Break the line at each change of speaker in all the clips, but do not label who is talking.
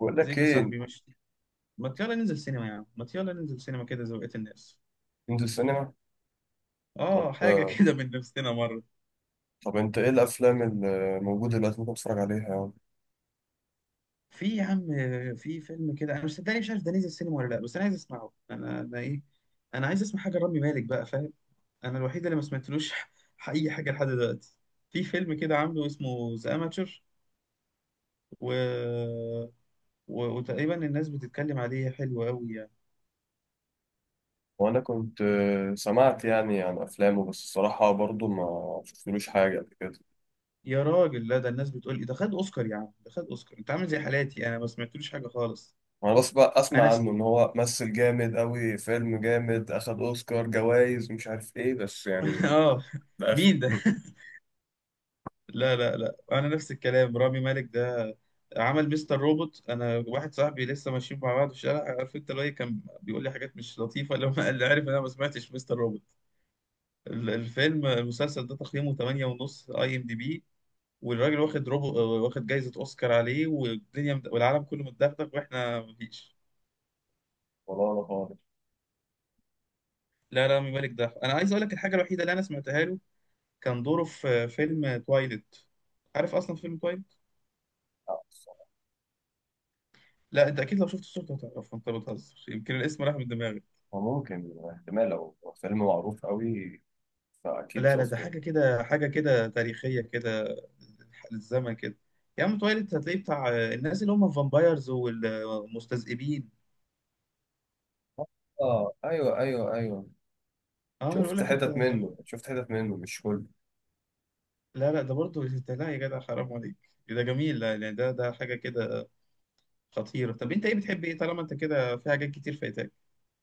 بقول لك
زيك يا
ايه؟
صاحبي ماشي. ما يلا ننزل سينما يا عم، ما يلا ننزل سينما كده زي بقية الناس.
ننزل سينما.
اه حاجة
طب
كده من نفسنا مرة.
طب انت ايه الافلام اللي موجوده دلوقتي ممكن اتفرج عليها يعني؟
في يا عم، في فيلم كده انا مش صدقني مش عارف ده نزل سينما ولا لا، بس انا عايز اسمعه. انا ايه، انا عايز اسمع حاجة رامي مالك بقى فاهم. انا الوحيد اللي ما سمعتلوش اي حاجة لحد دلوقتي. في فيلم كده عامله اسمه ذا اماتشر و... وتقريبا الناس بتتكلم عليه حلو قوي يعني.
وانا كنت، سمعت يعني عن افلامه، بس الصراحه برضو ما شفتلوش حاجه قبل كده.
يا راجل لا، ده الناس بتقول ايه؟ ده خد اوسكار يا عم، ده خد اوسكار. انت عامل زي حالاتي انا ما سمعتلوش حاجة خالص.
انا بس بقى اسمع
انا
عنه ان هو مثل جامد قوي، فيلم جامد، اخد اوسكار جوائز مش عارف ايه، بس يعني
اه،
ده اخر
مين ده؟ لا انا نفس الكلام. رامي مالك ده عمل مستر روبوت. انا واحد صاحبي لسه ماشيين مع بعض في الشارع، عارف انت اللي هو إيه، كان بيقول لي حاجات مش لطيفه لما اللي عارف إن انا ما سمعتش مستر روبوت. الفيلم المسلسل ده تقييمه 8 ونص اي ام دي بي. والراجل واخد واخد جايزه اوسكار عليه، والدنيا والعالم كله متدغدغ واحنا مفيش.
والله انا خالص.
لا لا، رامي مالك ده انا عايز اقول لك الحاجه الوحيده اللي انا سمعتها له. كان دوره في فيلم تويلت. عارف اصلا فيلم.
الصراحة.
لا انت اكيد لو شفت الصورة هتعرف، انت بتهزر، يمكن الاسم راح من دماغي.
وممكن احتمال لو فيلم معروف قوي فاكيد
لا لا ده
شفته.
حاجة كده، حاجة كده تاريخية كده، للزمن كده. يا عم تويلايت هتلاقيه بتاع الناس اللي هم الفامبايرز والمستذئبين.
اه ايوه ايوه ايوه.
اه انا بقول
شفت
لك انت.
حتت منه، شفت حتت منه، مش كله.
لا لا ده برضه انت، لا يا جدع حرام عليك ده جميل. لا يعني ده حاجة كده خطيرة. طب انت ايه بتحب ايه طالما انت كده، في حاجات كتير فايتاك.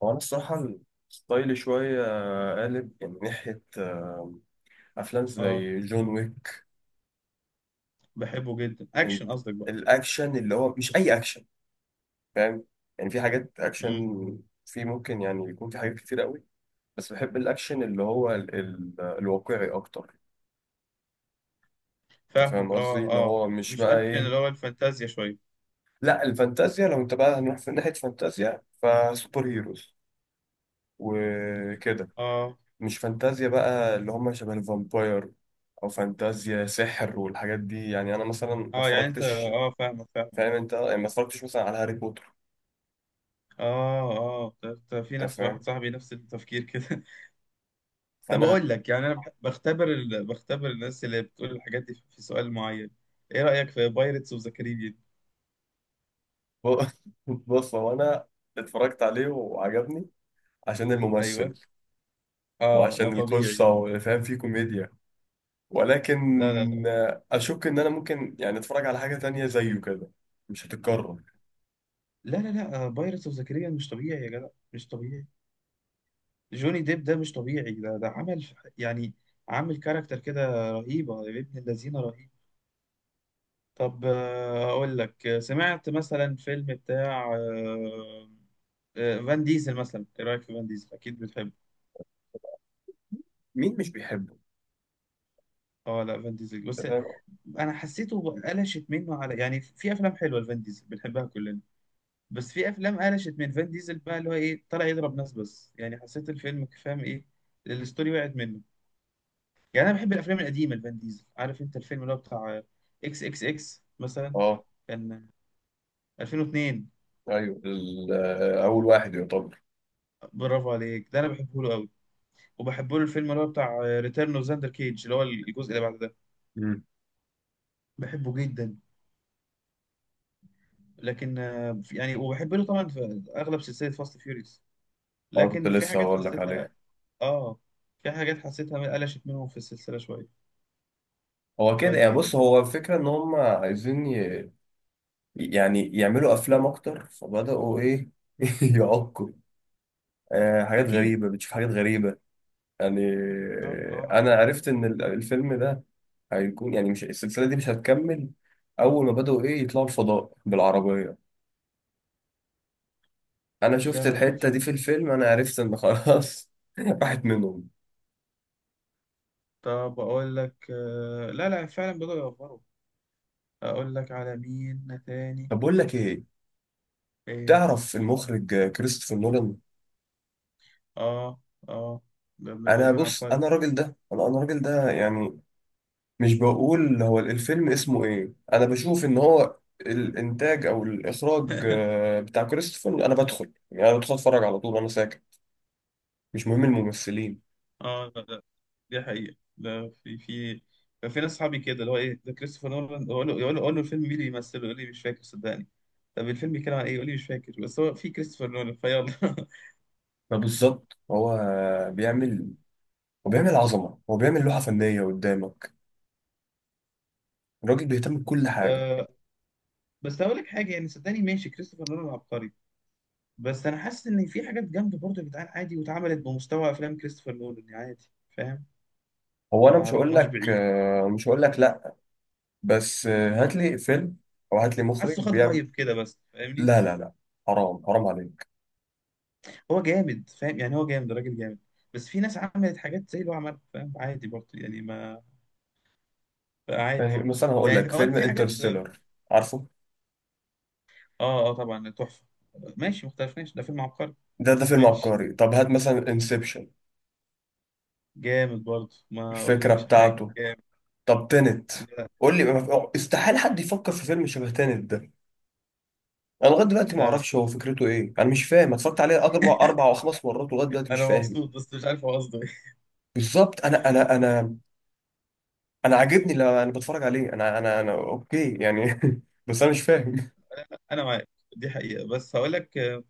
هو أنا الصراحة ستايلي شوية، قالب من ناحية، أفلام
اه
زي جون ويك
بحبه جدا،
and
اكشن قصدك بقى.
الأكشن اللي هو مش أي أكشن، فاهم؟ يعني في حاجات أكشن،
امم
في ممكن يعني يكون في حاجات كتير قوي، بس بحب الأكشن اللي هو ال الواقعي أكتر. أنت فاهم
فاهمك،
قصدي؟
اه
اللي
اه،
هو مش
مش
بقى
اكشن
إيه،
اللي هو الفانتازيا شوية.
لا الفانتازيا، لو أنت بقى هنروح في ناحية فانتازيا فسوبر هيروز وكده،
اه
مش فانتازيا بقى اللي هم شبه الفامباير او فانتازيا سحر والحاجات دي. يعني انا مثلا ما
اه يعني انت
اتفرجتش،
اه، فاهمك.
فاهم انت؟ يعني ما اتفرجتش مثلا على هاري بوتر.
اه اه طب في
انت
ناس واحد
فاهم.
صاحبي نفس التفكير كده طب
فانا
اقول لك يعني انا بختبر بختبر الناس اللي بتقول الحاجات دي في سؤال معين. ايه رأيك في بايرتس اوف ذا كاريبيان؟
ب- بص، هو انا اتفرجت عليه وعجبني عشان الممثل،
ايوه اه، ما
وعشان القصه،
طبيعي.
وفاهم فيه كوميديا. ولكن
لا لا لا،
اشك ان انا ممكن يعني اتفرج على حاجه تانية زيه كده. مش هتتكرر.
لا لا لا، بايرتس اوف ذا كاريبيان مش طبيعي يا جدع، مش طبيعي. جوني ديب ده مش طبيعي، ده عمل يعني عامل كاركتر كده رهيبة يا ابن الذين، رهيب. طب أقول لك سمعت مثلا فيلم بتاع فان ديزل مثلا. إيه رأيك في فان ديزل؟ أكيد بتحبه.
مين مش بيحبه؟
أه لا فان ديزل
انت
بس،
فاهم.
أنا حسيته قلشت منه على، يعني في أفلام حلوة لفان ديزل بنحبها كلنا، بس في أفلام قلشت من فان ديزل بقى اللي هو إيه، طلع يضرب ناس بس، يعني حسيت الفيلم فاهم إيه، الستوري وقعت منه. يعني أنا بحب الأفلام القديمة لفان ديزل. عارف أنت الفيلم اللي هو بتاع إكس إكس إكس مثلا،
اه
كان 2002.
ايوه، اول واحد يعتبر.
برافو عليك، ده أنا بحبه له. وبحب له الفيلم اللي هو بتاع ريتيرن اوف زاندر كيج اللي هو الجزء اللي بعد ده، بحبه جدا. لكن يعني وبحب له طبعا في اغلب سلسله فاست فيوريوس.
اه كنت
لكن في
لسه
حاجات
هقول لك
حسيتها
عليه.
اه، في حاجات حسيتها قلشت منهم في السلسله شويه.
هو كده يعني، بص،
طيب
هو الفكرة ان هم عايزين يعني يعملوا افلام اكتر، فبدأوا ايه يعقوا. آه حاجات
اكيد.
غريبة، بتشوف حاجات غريبة يعني.
اه اه آه.
انا عرفت ان الفيلم ده هيكون يعني، مش، السلسلة دي مش هتكمل. اول ما بدأوا ايه يطلعوا الفضاء بالعربية، انا
لا
شفت
انا ما خدتش
الحتة دي
بالي.
في الفيلم، انا عرفت ان خلاص راحت منهم.
طب اقول لك آه، لا لا فعلا بدأوا يوفروا. اقول لك على مين تاني.
طب بقول لك ايه،
ايه.
تعرف المخرج كريستوفر نولان؟
اه اه. ده ابن
انا
الذين
بص،
عبقري.
انا الراجل ده، انا الراجل ده يعني مش بقول هو الفيلم اسمه ايه، انا بشوف ان هو الانتاج او الاخراج بتاع كريستوفر، انا بدخل يعني انا بدخل اتفرج على طول، انا ساكت، مش مهم الممثلين.
اه دي حقيقة، لا في كان في ناس صحابي كده اللي هو ايه ده كريستوفر نولان، اقول له يقول له، أقول له الفيلم مين اللي يمثله؟ يقول لي مش فاكر صدقني. طب الفيلم بيتكلم عن ايه؟ يقول لي مش فاكر، بس هو في كريستوفر نولان فيلا
فبالظبط بيعمل هو بيعمل عظمه، هو بيعمل لوحه فنيه قدامك، الراجل بيهتم بكل حاجه.
آه، بس هقول لك حاجة، يعني صدقني ماشي كريستوفر نولان عبقري، بس انا حاسس ان في حاجات جامدة برضه يا جدعان، عادي واتعملت بمستوى افلام كريستوفر نولان، يعني عادي فاهم.
هو انا
ما
مش هقول
رحناش
لك،
بعيد.
مش هقول لك لا، بس هات لي فيلم او هات لي مخرج
حاسه خد
بيعمل.
هايب كده بس فاهمني.
لا لا لا، حرام حرام عليك.
هو جامد فاهم، يعني هو جامد، راجل جامد. بس في ناس عملت حاجات زي اللي هو عملها فاهم، عادي برضه يعني ما، عادي.
يعني مثلا هقول لك
يعني اه
فيلم
في حاجات اه.
انترستيلر، عارفه.
اه طبعا تحفه، ماشي مختلفناش ده فيلم عبقري.
ده ده فيلم
ماشي
عبقري. طب هات مثلا انسبشن،
جامد برضه ما
الفكرة
اقولكش حاجه،
بتاعته.
جامد.
طب تنت،
لا
قول لي استحيل حد يفكر في فيلم شبه تنت ده. انا لغايه دلوقتي ما
لا لا.
اعرفش هو فكرته ايه، انا مش فاهم. أنا اتفرجت عليه اربع اربع او خمس مرات ولغايه دلوقتي مش
انا
فاهم.
مبسوط بس مش عارف هو قصده ايه.
بالظبط، انا انا عاجبني لما انا بتفرج عليه، انا اوكي يعني بس انا مش فاهم.
انا معاك، دي حقيقه. بس هقول لك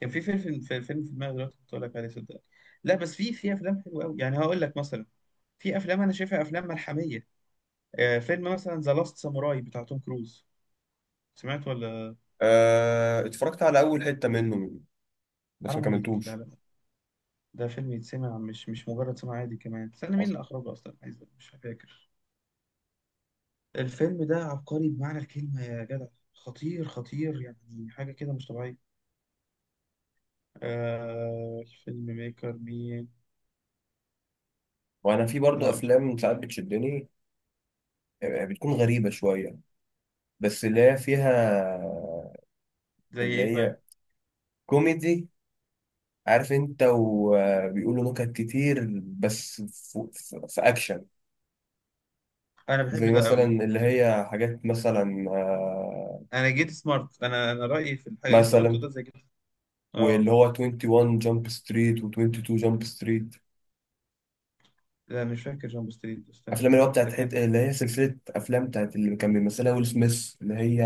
كان في فيلم في دماغي دلوقتي كنت هقول لك عليه صدقني. لا بس في افلام حلوه قوي، يعني هقول لك مثلا، في افلام انا شايفها افلام ملحميه. فيلم مثلا ذا لاست ساموراي بتاع توم كروز، سمعت ولا؟
أه اتفرجت على اول حتة منه بس ما
حرام عليك، لا
كملتوش.
لا ده فيلم يتسمع، مش مش مجرد سمع عادي. كمان استنى مين
اصلا
اللي اخرجه اصلا، عايز مش فاكر. الفيلم ده عبقري بمعنى الكلمة يا جدع. خطير خطير، يعني حاجة كده مش طبيعية. آه الفيلم ميكر مين؟
وانا في برضه
لا مش عارف.
افلام ساعات بتشدني، بتكون غريبة شوية بس اللي هي فيها،
زي
اللي
ايه
هي
طيب؟
كوميدي، عارف انت، وبيقولوا نكت كتير، بس في اكشن.
انا بحب
زي
ده
مثلا
قوي.
اللي هي حاجات مثلا،
انا جيت سمارت، انا رأيي في الحاجة اللي انت قلته
مثلا
ده زي كده. اه
واللي هو 21 جامب ستريت و22 جامب ستريت.
لا مش فاكر جامب ستريت، استنى
افلام اللي
كده
هو
ده
بتاعت
كان.
اللي هي سلسله افلام بتاعت اللي كان بيمثلها ويل سميث، اللي هي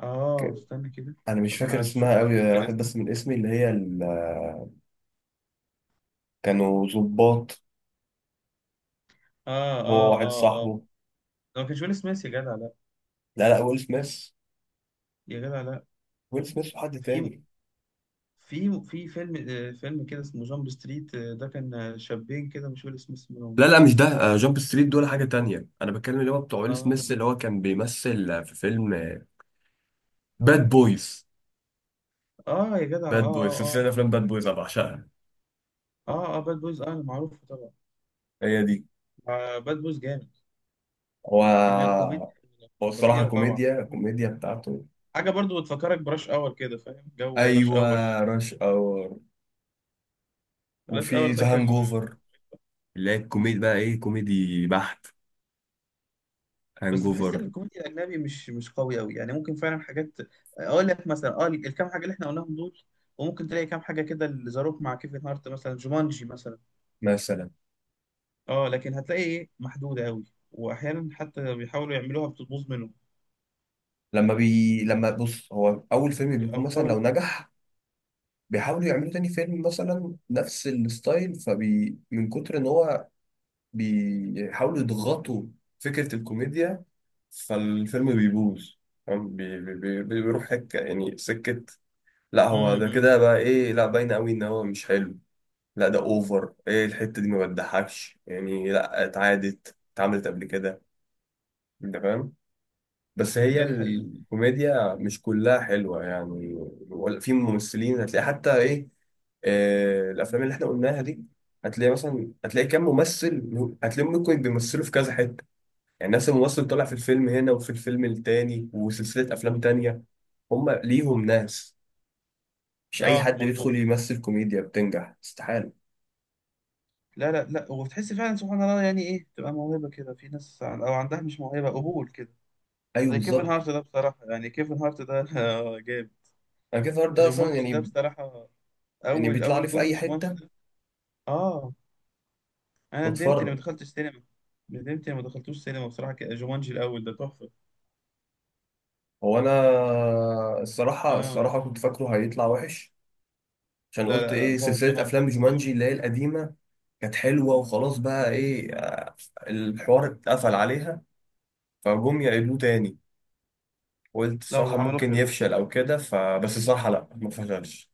اه
ك-
استنى كده.
انا مش
طب
فاكر
انا
اسمها
شفت
قوي،
افتكر
راحت
اسمه.
بس من اسمي اللي هي ال... كانوا ظباط،
اه
هو
اه
واحد
اه اه.
صاحبه.
ده ما كانش ويل سميث يا جدع لا.
لا لا، ويل سميث،
يا جدع لا.
ويل سميث وحد
في
تاني.
في فيلم فيلم كده اسمه جامب ستريت، ده كان شابين كده مش فاكر اسم اسمهم
لا
ده.
لا، مش ده. جامب ستريت دول حاجة تانية، أنا بتكلم اللي هو بتوع ويل
اه
سميث اللي هو كان بيمثل، في فيلم باد بويز.
اه يا جدع اه
باد بويز،
اه
سلسلة
اه
أفلام باد بويز أنا بعشقها.
اه. اه باد بويز، اه معروف طبعا.
هي دي.
آه باد بويز جامد،
هو
كمية كوميديا،
هو الصراحة
خطيرة طبعا.
كوميديا، الكوميديا بتاعته.
حاجة برضو بتفكرك براش اور كده، فاهم جو راش
أيوة،
اور؟
راش أور
راش اور
وفي
ده
ذا هانج
كان.
أوفر، اللي هي الكوميدي بقى إيه، كوميدي بحت. هانج
بس بحس ان
أوفر.
الكوميديا الاجنبي مش مش قوي قوي، يعني ممكن فعلا حاجات، اقول لك مثلا اه الكام حاجة اللي احنا قلناهم دول، وممكن تلاقي كام حاجة كده اللي زاروك مع كيفن هارت مثلا، جومانجي مثلا،
مثلا
اه لكن هتلاقي ايه محدودة قوي. واحيانا حتى بيحاولوا يعملوها بتبوظ منهم،
لما بي لما بص، هو أول فيلم بيكون مثلا
بيأفروا.
لو نجح، بيحاولوا يعملوا تاني فيلم مثلا نفس الستايل، فبي من كتر ان هو بيحاولوا يضغطوا فكرة الكوميديا فالفيلم بيبوظ. فاهم؟ بيروح حك يعني سكة. لا
امم
هو ده
إمم.
كده بقى ايه، لا باين قوي ان هو مش حلو. لا ده اوفر، ايه الحتة دي، ما بتضحكش يعني، لا اتعادت اتعملت قبل كده. انت فاهم. بس هي
لا دي حقيقة.
الكوميديا مش كلها حلوة يعني. ولا في ممثلين هتلاقي حتى ايه. آه الافلام اللي احنا قلناها دي، هتلاقي مثلا، هتلاقي كام ممثل، هتلاقيهم ممكن بيمثلوا في كذا حتة. يعني نفس الممثل طلع في الفيلم هنا وفي الفيلم التاني وسلسلة أفلام تانية. هم ليهم ناس، مش أي
اه
حد
مظبوط.
بيدخل يمثل كوميديا بتنجح، استحالة.
لا لا لا، وبتحس فعلا سبحان الله يعني ايه تبقى موهبة كده، في ناس او عندها مش موهبة قبول كده.
أيوه
زي كيفن
بالظبط.
هارت ده بصراحة، يعني كيفن هارت ده جامد.
أنا كيف النهارده ده أصلا
جومانجي ده
يعني،
بصراحة،
يعني
اول
بيطلع
اول
لي في
جزء
أي
جومانجي
حتة
ده. اه انا ندمت اني ما
بتفرج.
دخلتش سينما. ندمت اني ما دخلتوش سينما بصراحة، جومانجي الاول ده تحفة.
هو أنا الصراحة،
اه
الصراحة كنت فاكره هيطلع وحش، عشان
لا
قلت
لا لا
إيه
ظبط
سلسلة
منهم
أفلام
ظبطة
جومانجي
حلوة.
اللي هي القديمة، كانت حلوة وخلاص بقى إيه، الحوار اتقفل عليها، فجم يعيدوه تاني، قلت
لا
الصراحة
وعملوه
ممكن
حلو.
يفشل أو كده، فبس الصراحة لأ ما فشلش.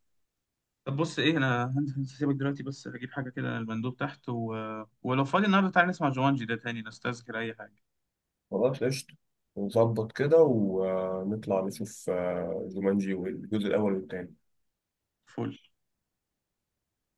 طب بص ايه، انا هنزل سيبك دلوقتي بس هجيب حاجه كده من المندوب تحت ولو فاضي النهارده تعالى نسمع جوانجي ده تاني، نستذكر اي حاجه.
خلاص قشطة، نظبط كده ونطلع نشوف جومانجي والجزء الأول والتاني.
فل.